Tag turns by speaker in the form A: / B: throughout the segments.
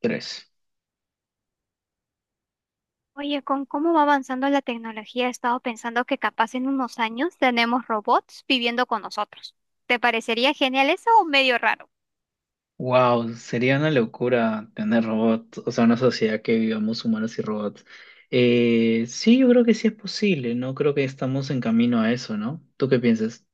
A: Tres.
B: Oye, con cómo va avanzando la tecnología, he estado pensando que capaz en unos años tenemos robots viviendo con nosotros. ¿Te parecería genial eso o medio raro?
A: Wow, sería una locura tener robots, o sea, una sociedad que vivamos humanos y robots. Sí, yo creo que sí es posible, no creo que estamos en camino a eso, ¿no? ¿Tú qué piensas?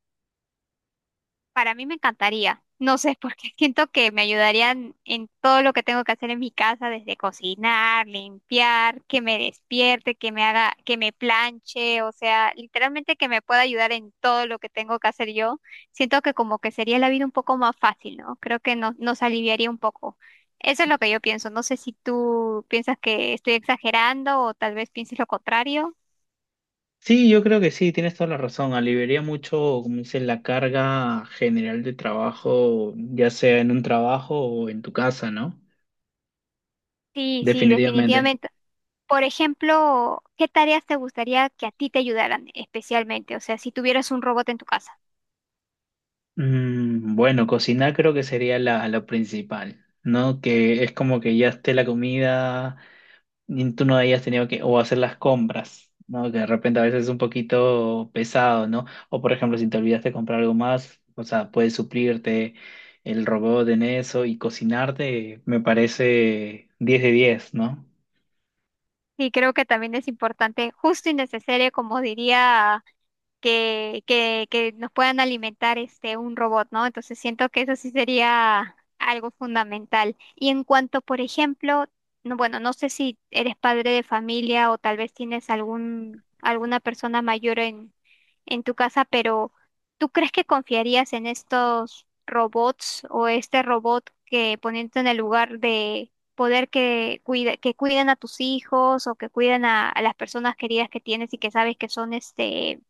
B: Para mí me encantaría. No sé, porque siento que me ayudarían en todo lo que tengo que hacer en mi casa, desde cocinar, limpiar, que me despierte, que me haga, que me planche, o sea, literalmente que me pueda ayudar en todo lo que tengo que hacer yo. Siento que como que sería la vida un poco más fácil, ¿no? Creo que nos aliviaría un poco. Eso es lo que yo pienso. No sé si tú piensas que estoy exagerando o tal vez pienses lo contrario.
A: Sí, yo creo que sí, tienes toda la razón. Aliviaría mucho, como dicen, la carga general de trabajo, ya sea en un trabajo o en tu casa, ¿no?
B: Sí, sí,
A: Definitivamente.
B: definitivamente. Por ejemplo, ¿qué tareas te gustaría que a ti te ayudaran especialmente? O sea, si tuvieras un robot en tu casa.
A: Bueno, cocinar creo que sería la principal, ¿no? Que es como que ya esté la comida. Ni tú no hayas tenido que o hacer las compras, ¿no? Que de repente a veces es un poquito pesado, ¿no? O por ejemplo, si te olvidaste de comprar algo más, o sea, puedes suplirte el robot en eso y cocinarte, me parece diez de 10, ¿no?
B: Sí, creo que también es importante, justo y necesario, como diría. Que nos puedan alimentar este un robot, ¿no? Entonces siento que eso sí sería algo fundamental. Y en cuanto, por ejemplo, no, bueno, no sé si eres padre de familia o tal vez tienes algún, alguna persona mayor en tu casa, pero ¿tú crees que confiarías en estos robots o este robot que poniéndote en el lugar de poder que cuida, que cuiden a tus hijos o que cuiden a las personas queridas que tienes y que sabes que son este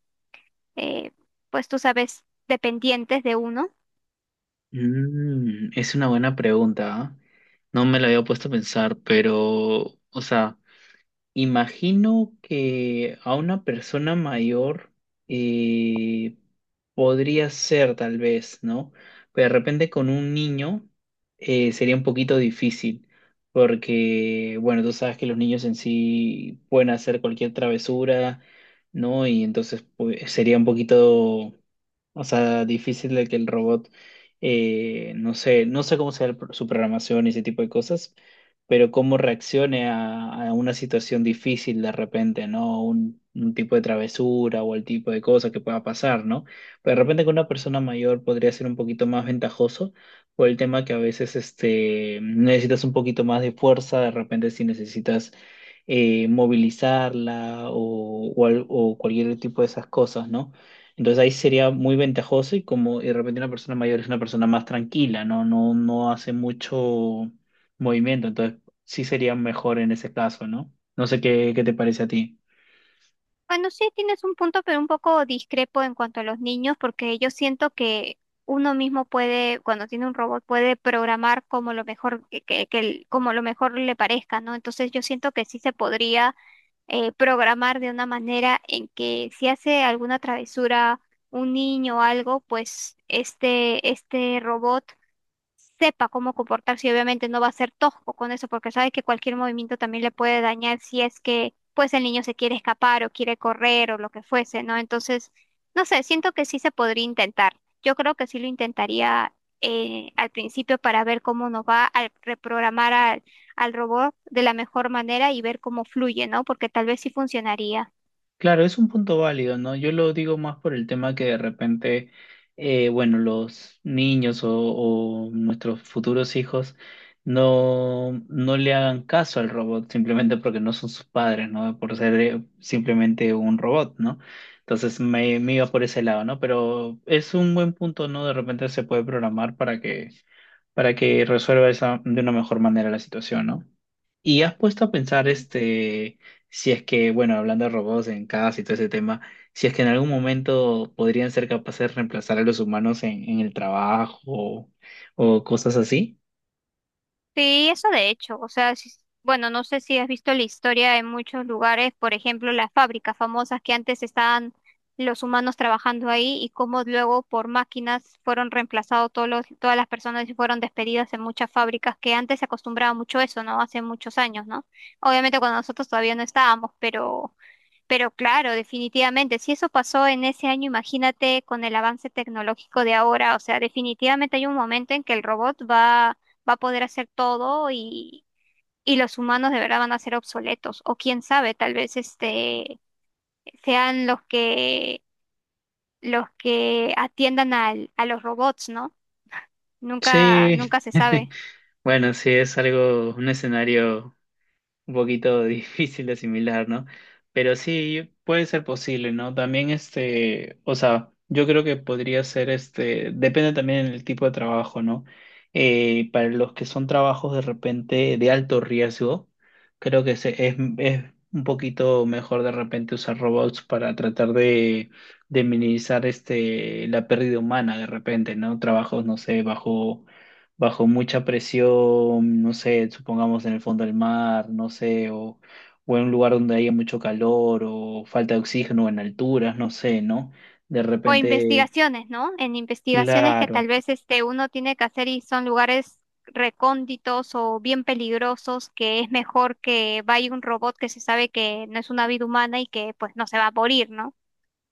B: eh, pues tú sabes, dependientes de uno.
A: Es una buena pregunta, ¿ah? No me la había puesto a pensar, pero, o sea, imagino que a una persona mayor eh, podría ser tal vez, ¿no? Pero de repente con un niño sería un poquito difícil, porque, bueno, tú sabes que los niños en sí pueden hacer cualquier travesura, ¿no? Y entonces pues, sería un poquito, o sea, difícil de que el robot, no sé, no sé cómo sea su programación y ese tipo de cosas, pero cómo reaccione a una situación difícil de repente, ¿no? Un tipo de travesura o el tipo de cosa que pueda pasar, ¿no? Pero de repente con una persona mayor podría ser un poquito más ventajoso por el tema que a veces este, necesitas un poquito más de fuerza, de repente si necesitas movilizarla o o cualquier tipo de esas cosas, ¿no? Entonces ahí sería muy ventajoso y como y de repente una persona mayor es una persona más tranquila, no, no hace mucho movimiento, entonces sí sería mejor en ese caso, ¿no? No sé qué, qué te parece a ti.
B: Bueno, sí tienes un punto, pero un poco discrepo en cuanto a los niños, porque yo siento que uno mismo puede, cuando tiene un robot, puede programar como lo mejor que como lo mejor le parezca, ¿no? Entonces yo siento que sí se podría programar de una manera en que si hace alguna travesura un niño o algo, pues este robot sepa cómo comportarse y obviamente no va a ser tosco con eso porque sabe que cualquier movimiento también le puede dañar si es que pues el niño se quiere escapar o quiere correr o lo que fuese, ¿no? Entonces, no sé, siento que sí se podría intentar. Yo creo que sí lo intentaría al principio para ver cómo nos va al reprogramar al robot de la mejor manera y ver cómo fluye, ¿no? Porque tal vez sí funcionaría.
A: Claro, es un punto válido, ¿no? Yo lo digo más por el tema que de repente, bueno, los niños o nuestros futuros hijos no, no le hagan caso al robot simplemente porque no son sus padres, ¿no? Por ser simplemente un robot, ¿no? Entonces me iba por ese lado, ¿no? Pero es un buen punto, ¿no? De repente se puede programar para que resuelva esa, de una mejor manera la situación, ¿no? Y has puesto a pensar,
B: Sí.
A: este, si es que, bueno, hablando de robots en casa y todo ese tema, si es que en algún momento podrían ser capaces de reemplazar a los humanos en el trabajo o cosas así.
B: Sí, eso de hecho, o sea, bueno, no sé si has visto la historia en muchos lugares, por ejemplo, las fábricas famosas que antes estaban los humanos trabajando ahí y cómo luego por máquinas fueron reemplazados todas las personas y fueron despedidas en muchas fábricas que antes se acostumbraba mucho eso, ¿no? Hace muchos años, ¿no? Obviamente cuando nosotros todavía no estábamos, pero claro, definitivamente, si eso pasó en ese año, imagínate con el avance tecnológico de ahora, o sea, definitivamente hay un momento en que el va a poder hacer todo y los humanos de verdad van a ser obsoletos, o quién sabe, tal vez este sean los que atiendan a los robots, ¿no?
A: Sí,
B: Nunca se sabe.
A: bueno, sí, es algo, un escenario un poquito difícil de asimilar, ¿no? Pero sí, puede ser posible, ¿no? También este, o sea, yo creo que podría ser este, depende también del tipo de trabajo, ¿no? Para los que son trabajos de repente de alto riesgo, creo que es un poquito mejor de repente usar robots para tratar de minimizar este, la pérdida humana de repente, ¿no? Trabajos, no sé, bajo mucha presión, no sé, supongamos en el fondo del mar, no sé, o en un lugar donde haya mucho calor o falta de oxígeno en alturas, no sé, ¿no? De
B: O
A: repente,
B: investigaciones, ¿no? En investigaciones que tal
A: claro,
B: vez este uno tiene que hacer y son lugares recónditos o bien peligrosos, que es mejor que vaya un robot que se sabe que no es una vida humana y que pues no se va a morir, ¿no?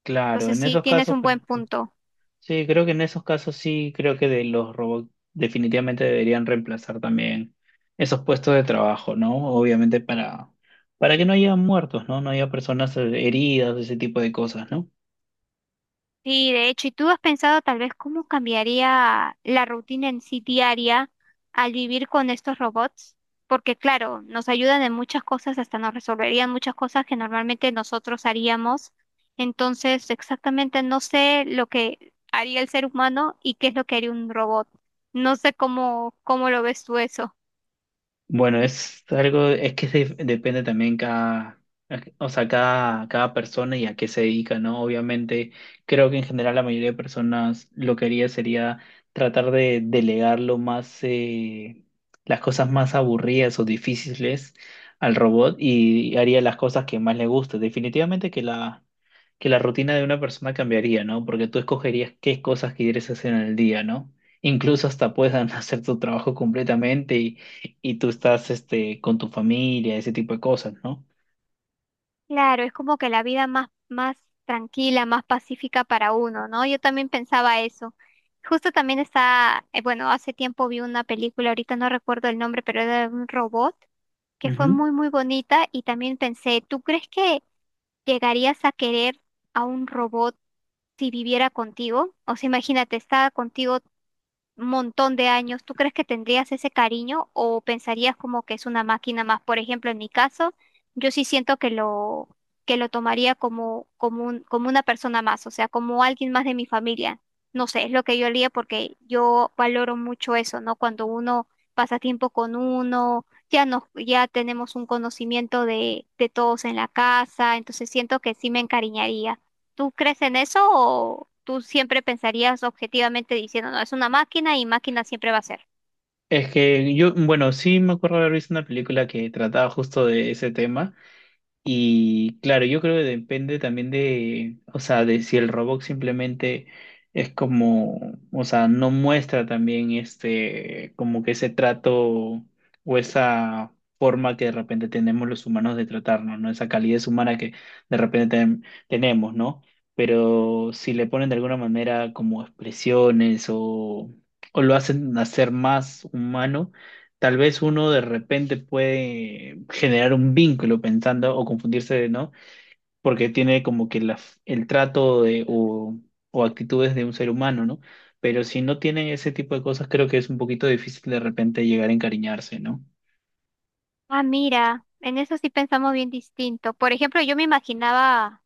A: claro,
B: Entonces
A: en
B: sí,
A: esos
B: tienes
A: casos,
B: un buen punto.
A: sí, creo que en esos casos sí, creo que de los robots definitivamente deberían reemplazar también esos puestos de trabajo, ¿no? Obviamente para que no haya muertos, ¿no? No haya personas heridas, ese tipo de cosas, ¿no?
B: Sí, de hecho, ¿y tú has pensado tal vez cómo cambiaría la rutina en sí diaria al vivir con estos robots? Porque claro, nos ayudan en muchas cosas, hasta nos resolverían muchas cosas que normalmente nosotros haríamos. Entonces, exactamente no sé lo que haría el ser humano y qué es lo que haría un robot. No sé cómo lo ves tú eso.
A: Bueno, es algo, es que depende también cada, o sea, cada, cada persona y a qué se dedica, ¿no? Obviamente, creo que en general la mayoría de personas lo que haría sería tratar de delegar lo más, las cosas más aburridas o difíciles al robot y haría las cosas que más le guste. Definitivamente que la rutina de una persona cambiaría, ¿no? Porque tú escogerías qué cosas quieres hacer en el día, ¿no? Incluso hasta puedan hacer tu trabajo completamente y tú estás este, con tu familia, ese tipo de cosas, ¿no?
B: Claro, es como que la vida más tranquila, más pacífica para uno, ¿no? Yo también pensaba eso. Justo también está, bueno, hace tiempo vi una película, ahorita no recuerdo el nombre, pero era de un robot que fue
A: Ujú.
B: muy bonita y también pensé, ¿tú crees que llegarías a querer a un robot si viviera contigo? O sea, imagínate, está contigo montón de años, ¿tú crees que tendrías ese cariño o pensarías como que es una máquina más? Por ejemplo, en mi caso, yo sí siento que lo tomaría como, como una persona más, o sea, como alguien más de mi familia. No sé, es lo que yo haría porque yo valoro mucho eso, ¿no? Cuando uno pasa tiempo con uno, ya tenemos un conocimiento de todos en la casa, entonces siento que sí me encariñaría. ¿Tú crees en eso o tú siempre pensarías objetivamente diciendo, no, es una máquina y máquina siempre va a ser?
A: Es que yo, bueno, sí me acuerdo haber visto una película que trataba justo de ese tema. Y claro, yo creo que depende también de, o sea, de si el robot simplemente es como, o sea, no muestra también este, como que ese trato o esa forma que de repente tenemos los humanos de tratarnos, ¿no? Esa calidez humana que de repente tenemos, ¿no? Pero si le ponen de alguna manera como expresiones o lo hacen hacer más humano. Tal vez uno de repente puede generar un vínculo pensando o confundirse, ¿no? Porque tiene como que la, el trato de, o actitudes de un ser humano, ¿no? Pero si no tienen ese tipo de cosas, creo que es un poquito difícil de repente llegar a encariñarse, ¿no?
B: Ah, mira, en eso sí pensamos bien distinto. Por ejemplo, yo me imaginaba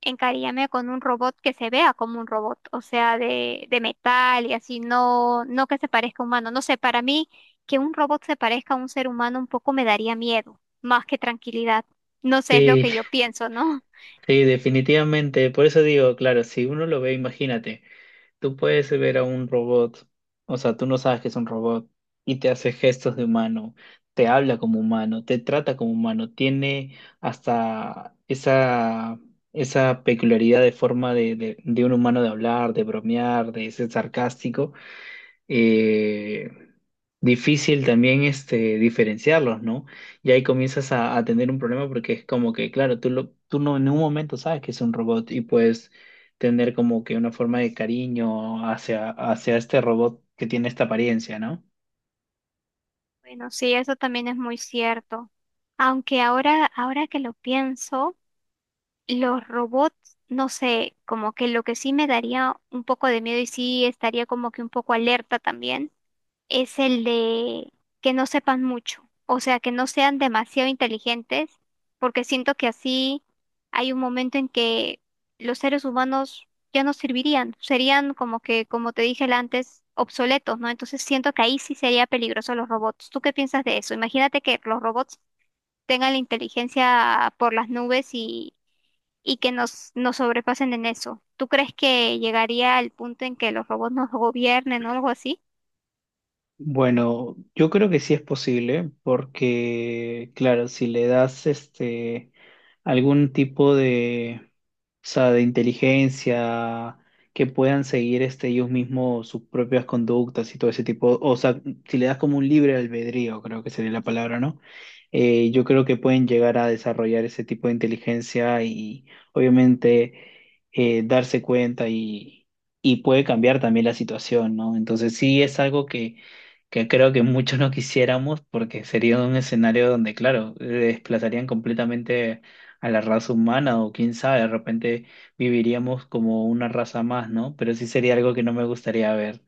B: encariñarme con un robot que se vea como un robot, o sea, de metal y así, no que se parezca a humano. No sé, para mí que un robot se parezca a un ser humano un poco me daría miedo, más que tranquilidad. No sé, es lo
A: Sí,
B: que yo pienso, ¿no?
A: sí, definitivamente. Por eso digo, claro, si uno lo ve, imagínate. Tú puedes ver a un robot, o sea, tú no sabes que es un robot y te hace gestos de humano, te habla como humano, te trata como humano, tiene hasta esa, esa peculiaridad de forma de un humano de hablar, de bromear, de ser sarcástico, eh, difícil también este, diferenciarlos, ¿no? Y ahí comienzas a tener un problema porque es como que, claro, tú, lo, tú no en un momento sabes que es un robot y puedes tener como que una forma de cariño hacia, hacia este robot que tiene esta apariencia, ¿no?
B: Bueno, sí, eso también es muy cierto. Aunque ahora que lo pienso, los robots, no sé, como que lo que sí me daría un poco de miedo y sí estaría como que un poco alerta también, es el de que no sepan mucho, o sea, que no sean demasiado inteligentes, porque siento que así hay un momento en que los seres humanos ya no servirían, serían como que, como te dije antes, obsoletos, ¿no? Entonces siento que ahí sí sería peligroso los robots. ¿Tú qué piensas de eso? Imagínate que los robots tengan la inteligencia por las nubes y que nos sobrepasen en eso. ¿Tú crees que llegaría al punto en que los robots nos gobiernen o algo así?
A: Bueno, yo creo que sí es posible, porque claro, si le das este algún tipo de, o sea, de inteligencia que puedan seguir este ellos mismos sus propias conductas y todo ese tipo, o sea, si le das como un libre albedrío, creo que sería la palabra, ¿no? Yo creo que pueden llegar a desarrollar ese tipo de inteligencia y obviamente darse cuenta y puede cambiar también la situación, ¿no? Entonces sí es algo que creo que muchos no quisiéramos porque sería un escenario donde, claro, desplazarían completamente a la raza humana o quién sabe, de repente viviríamos como una raza más, ¿no? Pero sí sería algo que no me gustaría ver.